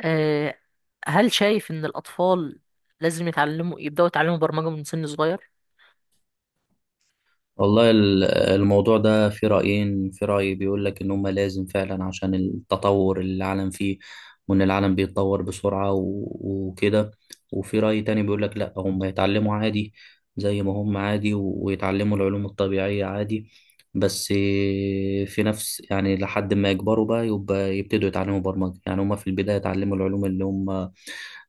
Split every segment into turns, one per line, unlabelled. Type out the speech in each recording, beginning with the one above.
آه، هل شايف إن الأطفال لازم يبدأوا يتعلموا برمجة من سن صغير؟
والله الموضوع ده في رأيين. في رأي بيقول لك إن هما لازم فعلا، عشان التطور اللي العالم فيه، وإن العالم بيتطور بسرعة وكده. وفي رأي تاني بيقول لك لأ، هما يتعلموا عادي زي ما هم عادي، ويتعلموا العلوم الطبيعية عادي. بس في نفس، يعني لحد ما يكبروا بقى يبقى يبتدوا يتعلموا برمجة. يعني هما في البداية يتعلموا العلوم اللي هم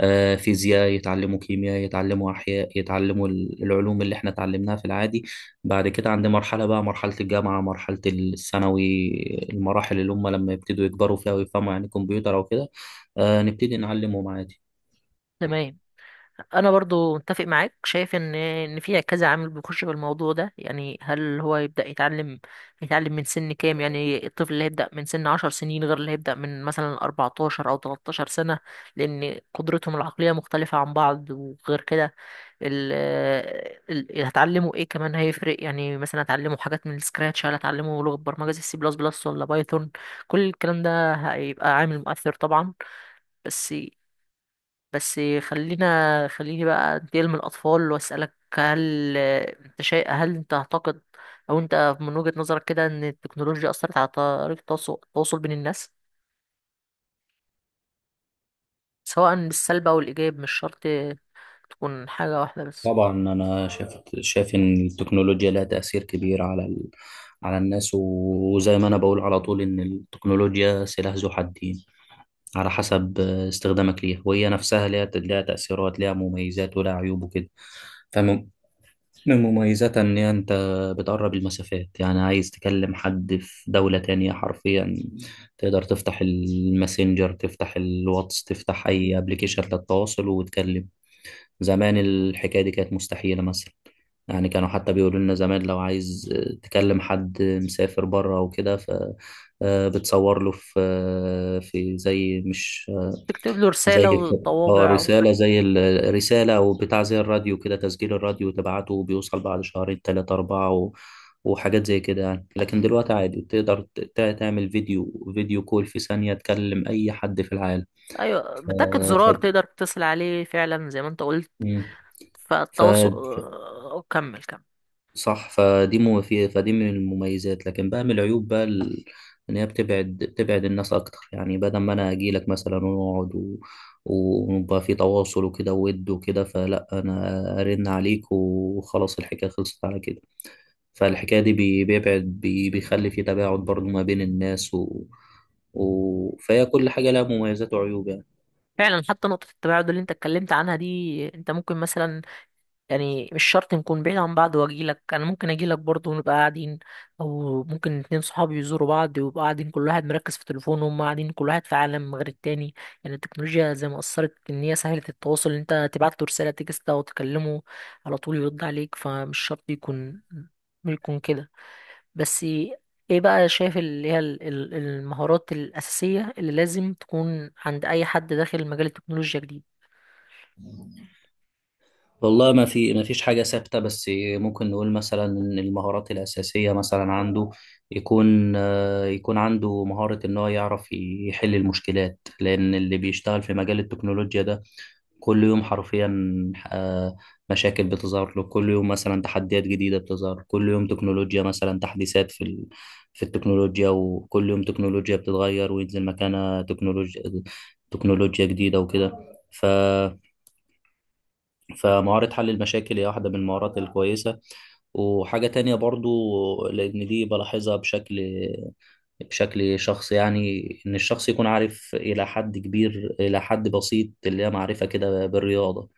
فيزياء، يتعلموا كيمياء، يتعلموا أحياء، يتعلموا العلوم اللي احنا اتعلمناها في العادي. بعد كده عندي مرحلة، بقى مرحلة الجامعة، مرحلة الثانوي، المراحل اللي هم لما يبتدوا يكبروا فيها ويفهموا يعني كمبيوتر أو كده، نبتدي نعلمهم عادي.
تمام. انا برضو متفق معاك، شايف ان في كذا عامل بيخش بالموضوع ده، يعني هل هو يبدا يتعلم من سن كام؟ يعني الطفل اللي هيبدا من سن 10 سنين غير اللي هيبدا من مثلا 14 او 13 سنه، لان قدرتهم العقليه مختلفه عن بعض. وغير كده ال اللي هتعلمه ايه كمان هيفرق، يعني مثلا هتعلمه حاجات من السكراتش، هل هتعلمه لغه برمجه زي سي بلس بلس ولا بايثون؟ كل الكلام ده هيبقى عامل مؤثر طبعا. بس بس خليني بقى انتقل من الأطفال وأسألك، هل انت هل انت تعتقد أو انت من وجهة نظرك كده ان التكنولوجيا أثرت على طريقة التواصل بين الناس، سواء بالسلب أو الإيجاب؟ مش شرط تكون حاجة واحدة بس.
طبعا أنا شايف إن التكنولوجيا لها تأثير كبير على على الناس، وزي ما أنا بقول على طول إن التكنولوجيا سلاح ذو حدين. على حسب استخدامك ليها. وهي نفسها ليها تأثيرات، ليها مميزات ولها عيوب وكده. من مميزاتها إن أنت بتقرب المسافات، يعني عايز تكلم حد في دولة تانية حرفيا تقدر تفتح الماسنجر، تفتح الواتس، تفتح أي ابلكيشن للتواصل وتكلم. زمان الحكاية دي كانت مستحيلة، مثلا. يعني كانوا حتى بيقولوا لنا زمان، لو عايز تكلم حد مسافر بره وكده بتصور له في في زي مش،
تكتب له
زي
رسالة
الف... اه،
وطوابع.
رسالة، زي الرسالة أو بتاع، زي الراديو كده، تسجيل الراديو تبعته وبيوصل بعد شهرين، تلاتة، أربعة و... وحاجات زي كده، يعني. لكن دلوقتي عادي تقدر تعمل فيديو كول في ثانية تكلم أي حد في العالم.
أيوة،
ف...
بتاكد زرار
ف...
تقدر تتصل عليه فعلا زي ما انت قلت.
مم. ف...
فالتواصل، كمل كمل.
صح. فدي مو في فدي من المميزات، لكن بقى من العيوب بقى ان هي بتبعد الناس اكتر. يعني بدل ما انا اجي لك مثلا ونقعد و... ويبقى في تواصل وكده ود وكده، فلا، انا ارن عليك وخلاص، الحكايه خلصت على كده. فالحكايه دي بيبعد، بيخلي في تباعد برضو ما بين الناس و... فهي كل حاجه لها مميزات وعيوب يعني.
فعلا، حتى نقطة التباعد اللي انت اتكلمت عنها دي، انت ممكن مثلا، يعني مش شرط نكون بعيد عن بعض واجيلك، انا ممكن اجيلك برضه ونبقى قاعدين، او ممكن اتنين صحابي يزوروا بعض ويبقى قاعدين كل واحد مركز في تليفونه، وهم قاعدين كل واحد في عالم غير التاني. يعني التكنولوجيا زي ما اثرت ان هي سهلت التواصل، إن انت تبعت له رساله تكست او تكلمه على طول يرد عليك، فمش شرط يكون كده. بس ايه بقى شايف اللي هي المهارات الاساسيه اللي لازم تكون عند اي حد داخل مجال التكنولوجيا جديد؟
والله ما فيش حاجة ثابتة، بس ممكن نقول مثلا إن المهارات الأساسية مثلا عنده، يكون عنده مهارة إن هو يعرف يحل المشكلات. لأن اللي بيشتغل في مجال التكنولوجيا ده، كل يوم حرفيا آه، مشاكل بتظهر له كل يوم، مثلا تحديات جديدة بتظهر كل يوم، تكنولوجيا، مثلا تحديثات في في التكنولوجيا. وكل يوم تكنولوجيا بتتغير وينزل مكانها تكنولوجيا جديدة وكده. ف... فمهارة حل المشاكل هي واحدة من المهارات الكويسة. وحاجة تانية برضو، لأن دي بلاحظها بشكل شخص، يعني إن الشخص يكون عارف إلى حد كبير، إلى حد بسيط، اللي هي معرفة كده بالرياضة.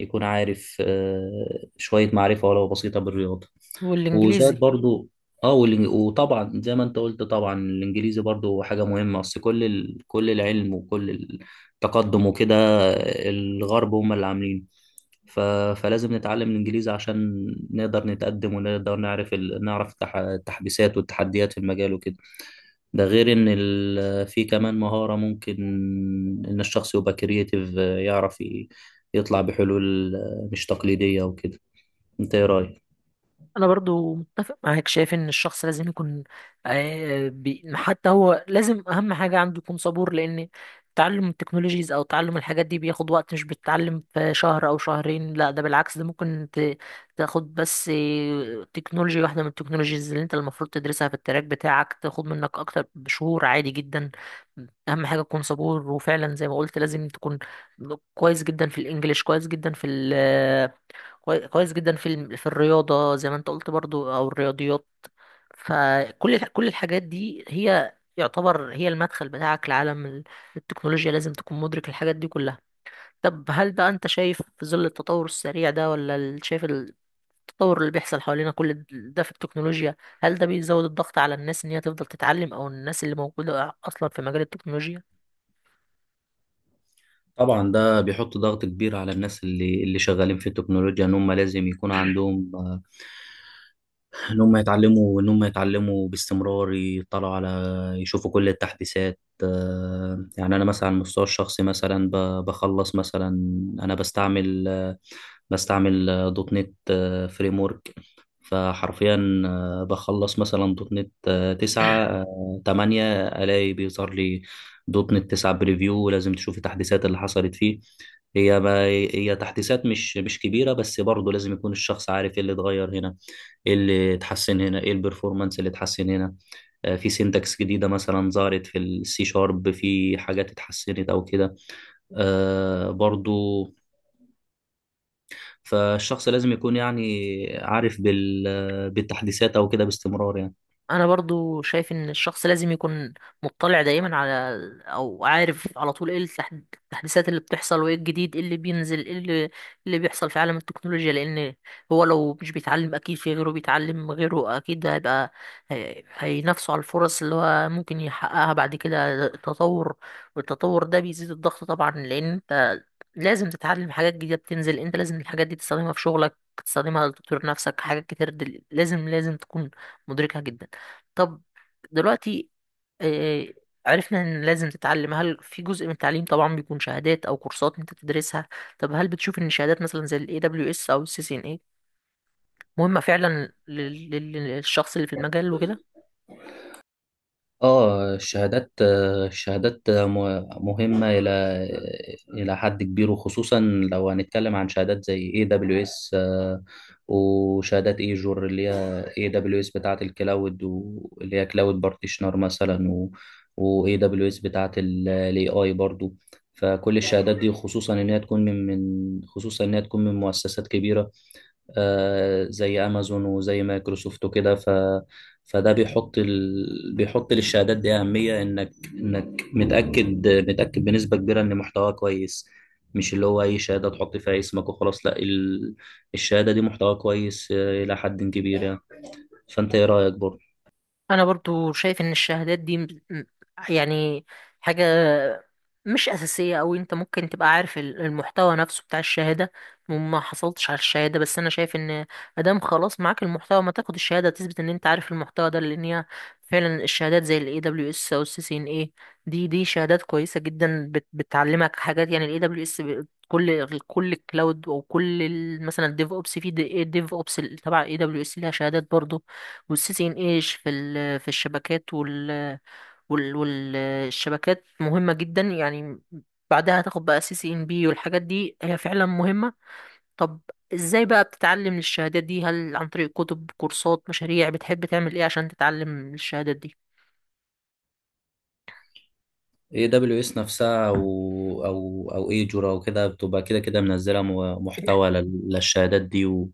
يكون عارف شوية معرفة ولو بسيطة بالرياضة.
والانجليزي.
وزائد برضو، وطبعا زي ما انت قلت، طبعا الانجليزي برضو حاجه مهمه، اصل كل كل العلم وكل التقدم وكده، الغرب هم اللي عاملينه. ف... فلازم نتعلم الإنجليزي عشان نقدر نتقدم ونقدر نعرف نعرف التحديثات والتحديات في المجال وكده. ده غير إن في كمان مهارة ممكن، إن الشخص يبقى كرييتيف يعرف يطلع بحلول مش تقليدية وكده. انت ايه رأيك؟
انا برضو متفق معاك، شايف ان الشخص لازم يكون، حتى هو لازم اهم حاجة عنده يكون صبور، لان تعلم التكنولوجيز او تعلم الحاجات دي بياخد وقت، مش بتتعلم في شهر او شهرين، لا، ده بالعكس، ده ممكن تاخد بس تكنولوجيا واحدة من التكنولوجيز اللي انت المفروض تدرسها في التراك بتاعك، تاخد منك اكتر بشهور عادي جدا. اهم حاجة تكون صبور، وفعلا زي ما قلت لازم تكون كويس جدا في الانجليش، كويس جدا في، كويس جدا في في الرياضة زي ما انت قلت برضو، او الرياضيات. فكل كل الحاجات دي هي يعتبر هي المدخل بتاعك لعالم التكنولوجيا، لازم تكون مدرك الحاجات دي كلها. طب هل بقى انت شايف في ظل التطور السريع ده، ولا شايف التطور اللي بيحصل حوالينا كل ده في التكنولوجيا، هل ده بيزود الضغط على الناس ان هي تفضل تتعلم، او الناس اللي موجودة اصلا في مجال التكنولوجيا؟
طبعا ده بيحط ضغط كبير على الناس اللي شغالين في التكنولوجيا، ان هم لازم يكون عندهم، ان هم يتعلموا، باستمرار يطلعوا على، يشوفوا كل التحديثات. يعني انا مثلا على المستوى الشخصي، مثلا بخلص مثلا. انا بستعمل دوت نت فريم ورك. فحرفيا بخلص مثلا دوت نت تسعة تمانية الاقي بيظهر لي دوت نت تسعة بريفيو. لازم تشوف التحديثات اللي حصلت فيه. هي ما هي تحديثات مش كبيرة، بس برضه لازم يكون الشخص عارف ايه اللي اتغير هنا، ايه اللي اتحسن هنا، ايه البرفورمانس اللي اتحسن هنا. في سينتاكس جديدة مثلا ظهرت في السي شارب، في حاجات اتحسنت او كده برضو. فالشخص لازم يكون يعني عارف بالتحديثات او كده باستمرار، يعني.
انا برضو شايف ان الشخص لازم يكون مطلع دايما على، او عارف على طول ايه التحديثات اللي بتحصل وايه الجديد، ايه اللي بينزل، ايه إيه اللي بيحصل في عالم التكنولوجيا. لان هو لو مش بيتعلم، اكيد في غيره بيتعلم، غيره اكيد هيبقى هينافسه على الفرص اللي هو ممكن يحققها بعد كده. التطور، والتطور ده بيزيد الضغط طبعا، لان انت لازم تتعلم حاجات جديدة بتنزل، انت لازم الحاجات دي تستخدمها في شغلك، تستخدمها لتطوير نفسك، حاجات كتير لازم تكون مدركها جدا. طب دلوقتي، آه، عرفنا ان لازم تتعلم. هل في جزء من التعليم طبعا بيكون شهادات او كورسات انت تدرسها؟ طب هل بتشوف ان الشهادات مثلا زي الاي دبليو اس او السي سي ان اي مهمة فعلا للشخص اللي في المجال وكده؟
اه، الشهادات مهمة إلى حد كبير. وخصوصا لو هنتكلم عن شهادات زي AWS وشهادات ايجور. اللي هي AWS بتاعة الكلاود، واللي هي كلاود بارتيشنر مثلا، و AWS بتاعة ال AI برضو. فكل الشهادات دي، خصوصا إن هي تكون من مؤسسات كبيرة زي امازون وزي مايكروسوفت وكده فده بيحط بيحط للشهادات دي اهميه، انك متاكد بنسبه كبيره ان محتواها كويس. مش اللي هو اي شهاده تحط فيها اسمك وخلاص، لا، الشهاده دي محتواها كويس، الى حد كبير يعني. فانت ايه رايك برضه؟
انا برضو شايف ان الشهادات دي يعني حاجة مش اساسية، او انت ممكن تبقى عارف المحتوى نفسه بتاع الشهادة وما حصلتش على الشهادة، بس انا شايف ان ادام خلاص معاك المحتوى ما تاخد الشهادة تثبت ان انت عارف المحتى ده، لان هي فعلا الشهادات زي الاي دبليو اس او السي سي ان اي دي شهادات كويسة جدا، بتعلمك حاجات، يعني الاي دبليو اس كل الكلاود، او كل مثلا الديف اوبس. في ديف اوبس تبع اي دبليو اس ليها شهادات برضو، والسيسي انقاش في في الشبكات، والشبكات مهمة جدا يعني، بعدها هتاخد بقى سي سي ان بي، والحاجات دي هي فعلا مهمة. طب ازاي بقى بتتعلم الشهادات دي، هل عن طريق كتب، كورسات، مشاريع، بتحب تعمل ايه عشان تتعلم الشهادات دي؟
اي دبليو اس نفسها او ايجورا وكده بتبقى كده كده منزله محتوى للشهادات دي و...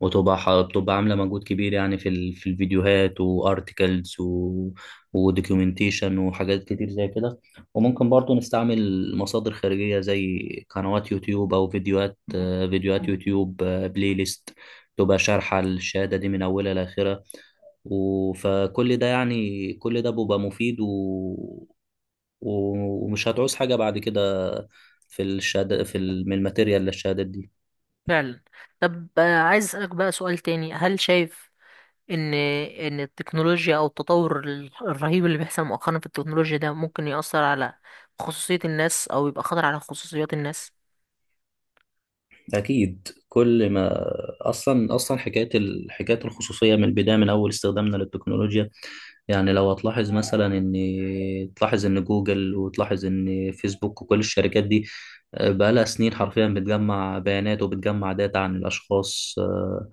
بتبقى عامله مجهود كبير يعني في في الفيديوهات وارتكلز و... ودوكيومنتيشن وحاجات كتير زي كده. وممكن برضو نستعمل مصادر خارجيه زي قنوات يوتيوب او فيديوهات يوتيوب بلاي ليست، تبقى شارحه الشهاده دي من اولها لاخرها. فكل ده، يعني كل ده بيبقى مفيد و... ومش هتعوز حاجة بعد كده في الشهادة في من الماتيريال للشهادات دي.
فعلا. طب عايز اسألك بقى سؤال تاني، هل شايف ان التكنولوجيا او التطور الرهيب اللي بيحصل مؤخرا في التكنولوجيا ده ممكن يأثر على خصوصية الناس، او يبقى خطر على خصوصيات الناس؟
أكيد كل ما، أصلا حكاية حكاية الخصوصية من البداية، من أول استخدامنا للتكنولوجيا. يعني لو هتلاحظ مثلا إن، تلاحظ إن جوجل وتلاحظ إن فيسبوك وكل الشركات دي بقالها سنين حرفيا بتجمع بيانات وبتجمع داتا عن الأشخاص آه،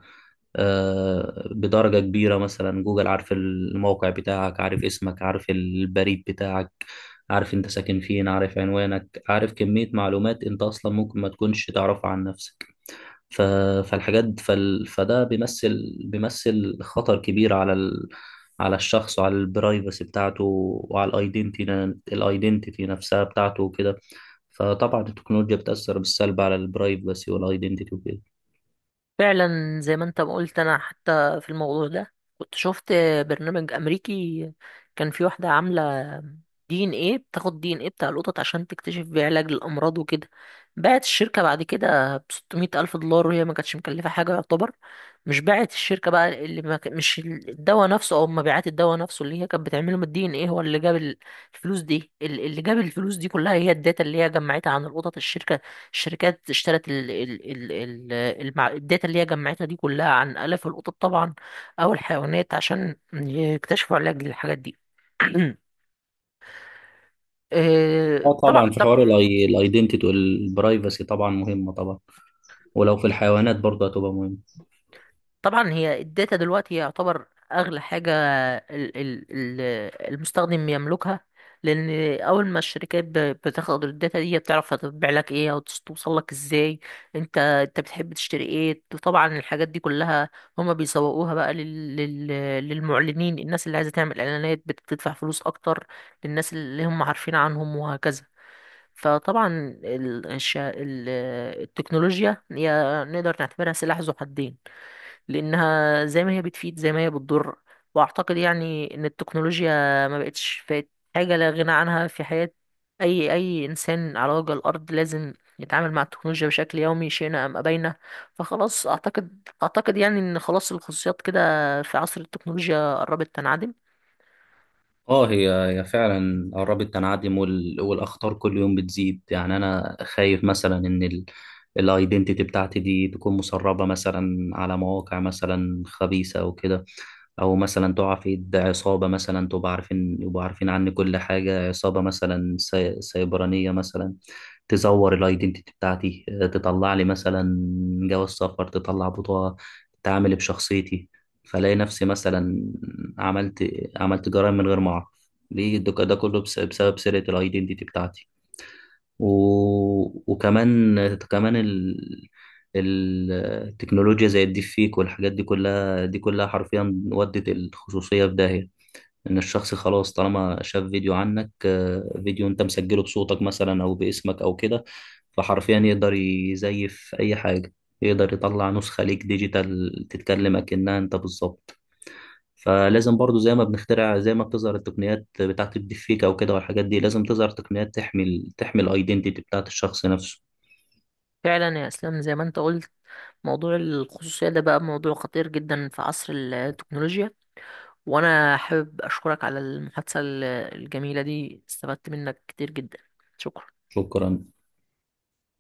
آه، بدرجة كبيرة. مثلا جوجل عارف الموقع بتاعك، عارف اسمك، عارف البريد بتاعك، عارف انت ساكن فين، عارف عنوانك، عارف كمية معلومات انت اصلا ممكن ما تكونش تعرفها عن نفسك. ف... فده بيمثل خطر كبير على على الشخص وعلى البرايفسي بتاعته، وعلى الايدنتيتي نفسها بتاعته وكده. فطبعا التكنولوجيا بتأثر بالسلب على البرايفسي والايدنتيتي وكده.
فعلا زي ما انت ما قلت. انا حتى في الموضوع ده كنت شفت برنامج امريكي، كان في واحده عامله دي ان ايه، بتاخد دي ان ايه بتاع القطط عشان تكتشف بيه علاج للامراض وكده، باعت الشركه بعد كده ب 600 الف دولار، وهي ما كانتش مكلفه حاجه يعتبر. مش باعت الشركه بقى اللي ما مش الدواء نفسه او مبيعات الدواء نفسه اللي هي كانت بتعمله من الدي ان ايه، هو اللي جاب الفلوس دي، اللي جاب الفلوس دي كلها هي الداتا اللي هي جمعتها عن القطط الشركه. الشركات اشترت ال ال ال الداتا اللي هي جمعتها دي كلها عن آلاف القطط طبعا، أو الحيوانات، عشان يكتشفوا علاج للحاجات دي.
اه
طبعا
طبعا، في حوار
طبعا.
الايدنتيتي والبرايفسي طبعا مهمة طبعا. ولو في الحيوانات برضه هتبقى مهمة.
طبعا هي الداتا دلوقتي يعتبر اغلى حاجه ال- ال- ال- المستخدم يملكها، لان اول ما الشركات بتاخد الداتا دي بتعرف هتبيع لك ايه، او توصل لك ازاي، انت بتحب تشتري ايه. طبعا الحاجات دي كلها هما بيسوقوها بقى للمعلنين، الناس اللي عايزه تعمل اعلانات بتدفع فلوس اكتر للناس اللي هم عارفين عنهم، وهكذا. فطبعا ال- الش- ال- التكنولوجيا هي، نقدر نعتبرها سلاح ذو حدين، لانها زي ما هي بتفيد زي ما هي بتضر. واعتقد يعني ان التكنولوجيا ما بقتش، فات حاجه لا غنى عنها في حياه اي انسان على وجه الارض، لازم يتعامل مع التكنولوجيا بشكل يومي شئنا ام ابينا. فخلاص اعتقد يعني ان خلاص الخصوصيات كده في عصر التكنولوجيا قربت تنعدم.
اه، هي فعلا قربت تنعدم. والاخطار كل يوم بتزيد. يعني انا خايف مثلا ان الايدنتيتي بتاعتي دي تكون مسربه مثلا على مواقع مثلا خبيثه او كده. او مثلا تقع في ايد عصابه مثلا، تبقى عارفين يبقوا عارفين عني كل حاجه، عصابه مثلا سيبرانيه مثلا، تزور الايدنتيتي بتاعتي، تطلع لي مثلا جواز سفر، تطلع بطاقه، تتعامل بشخصيتي، فلاقي نفسي مثلا عملت عملت جرائم من غير ما اعرف. ده كله بسبب سرقة الايدنتيتي بتاعتي و... وكمان ال- التكنولوجيا زي الديب فيك والحاجات دي كلها حرفيا ودت الخصوصية في داهية. ان الشخص خلاص طالما شاف فيديو عنك، فيديو انت مسجله بصوتك مثلا او باسمك او كده، فحرفيا يقدر يزيف اي حاجة، يقدر يطلع نسخة ليك ديجيتال تتكلم اكنها انت بالظبط. فلازم برضو زي ما بنخترع، زي ما بتظهر التقنيات بتاعة الديب فيك او كده والحاجات دي، لازم تظهر تقنيات تحمي تحمي الايدنتيتي بتاعة الشخص نفسه.
فعلا يا اسلام، زي ما انت قلت، موضوع الخصوصيه ده بقى موضوع خطير جدا في عصر التكنولوجيا، وانا حابب اشكرك على المحادثة الجميلة دي، استفدت منك كتير جدا. شكرا.
شكرا.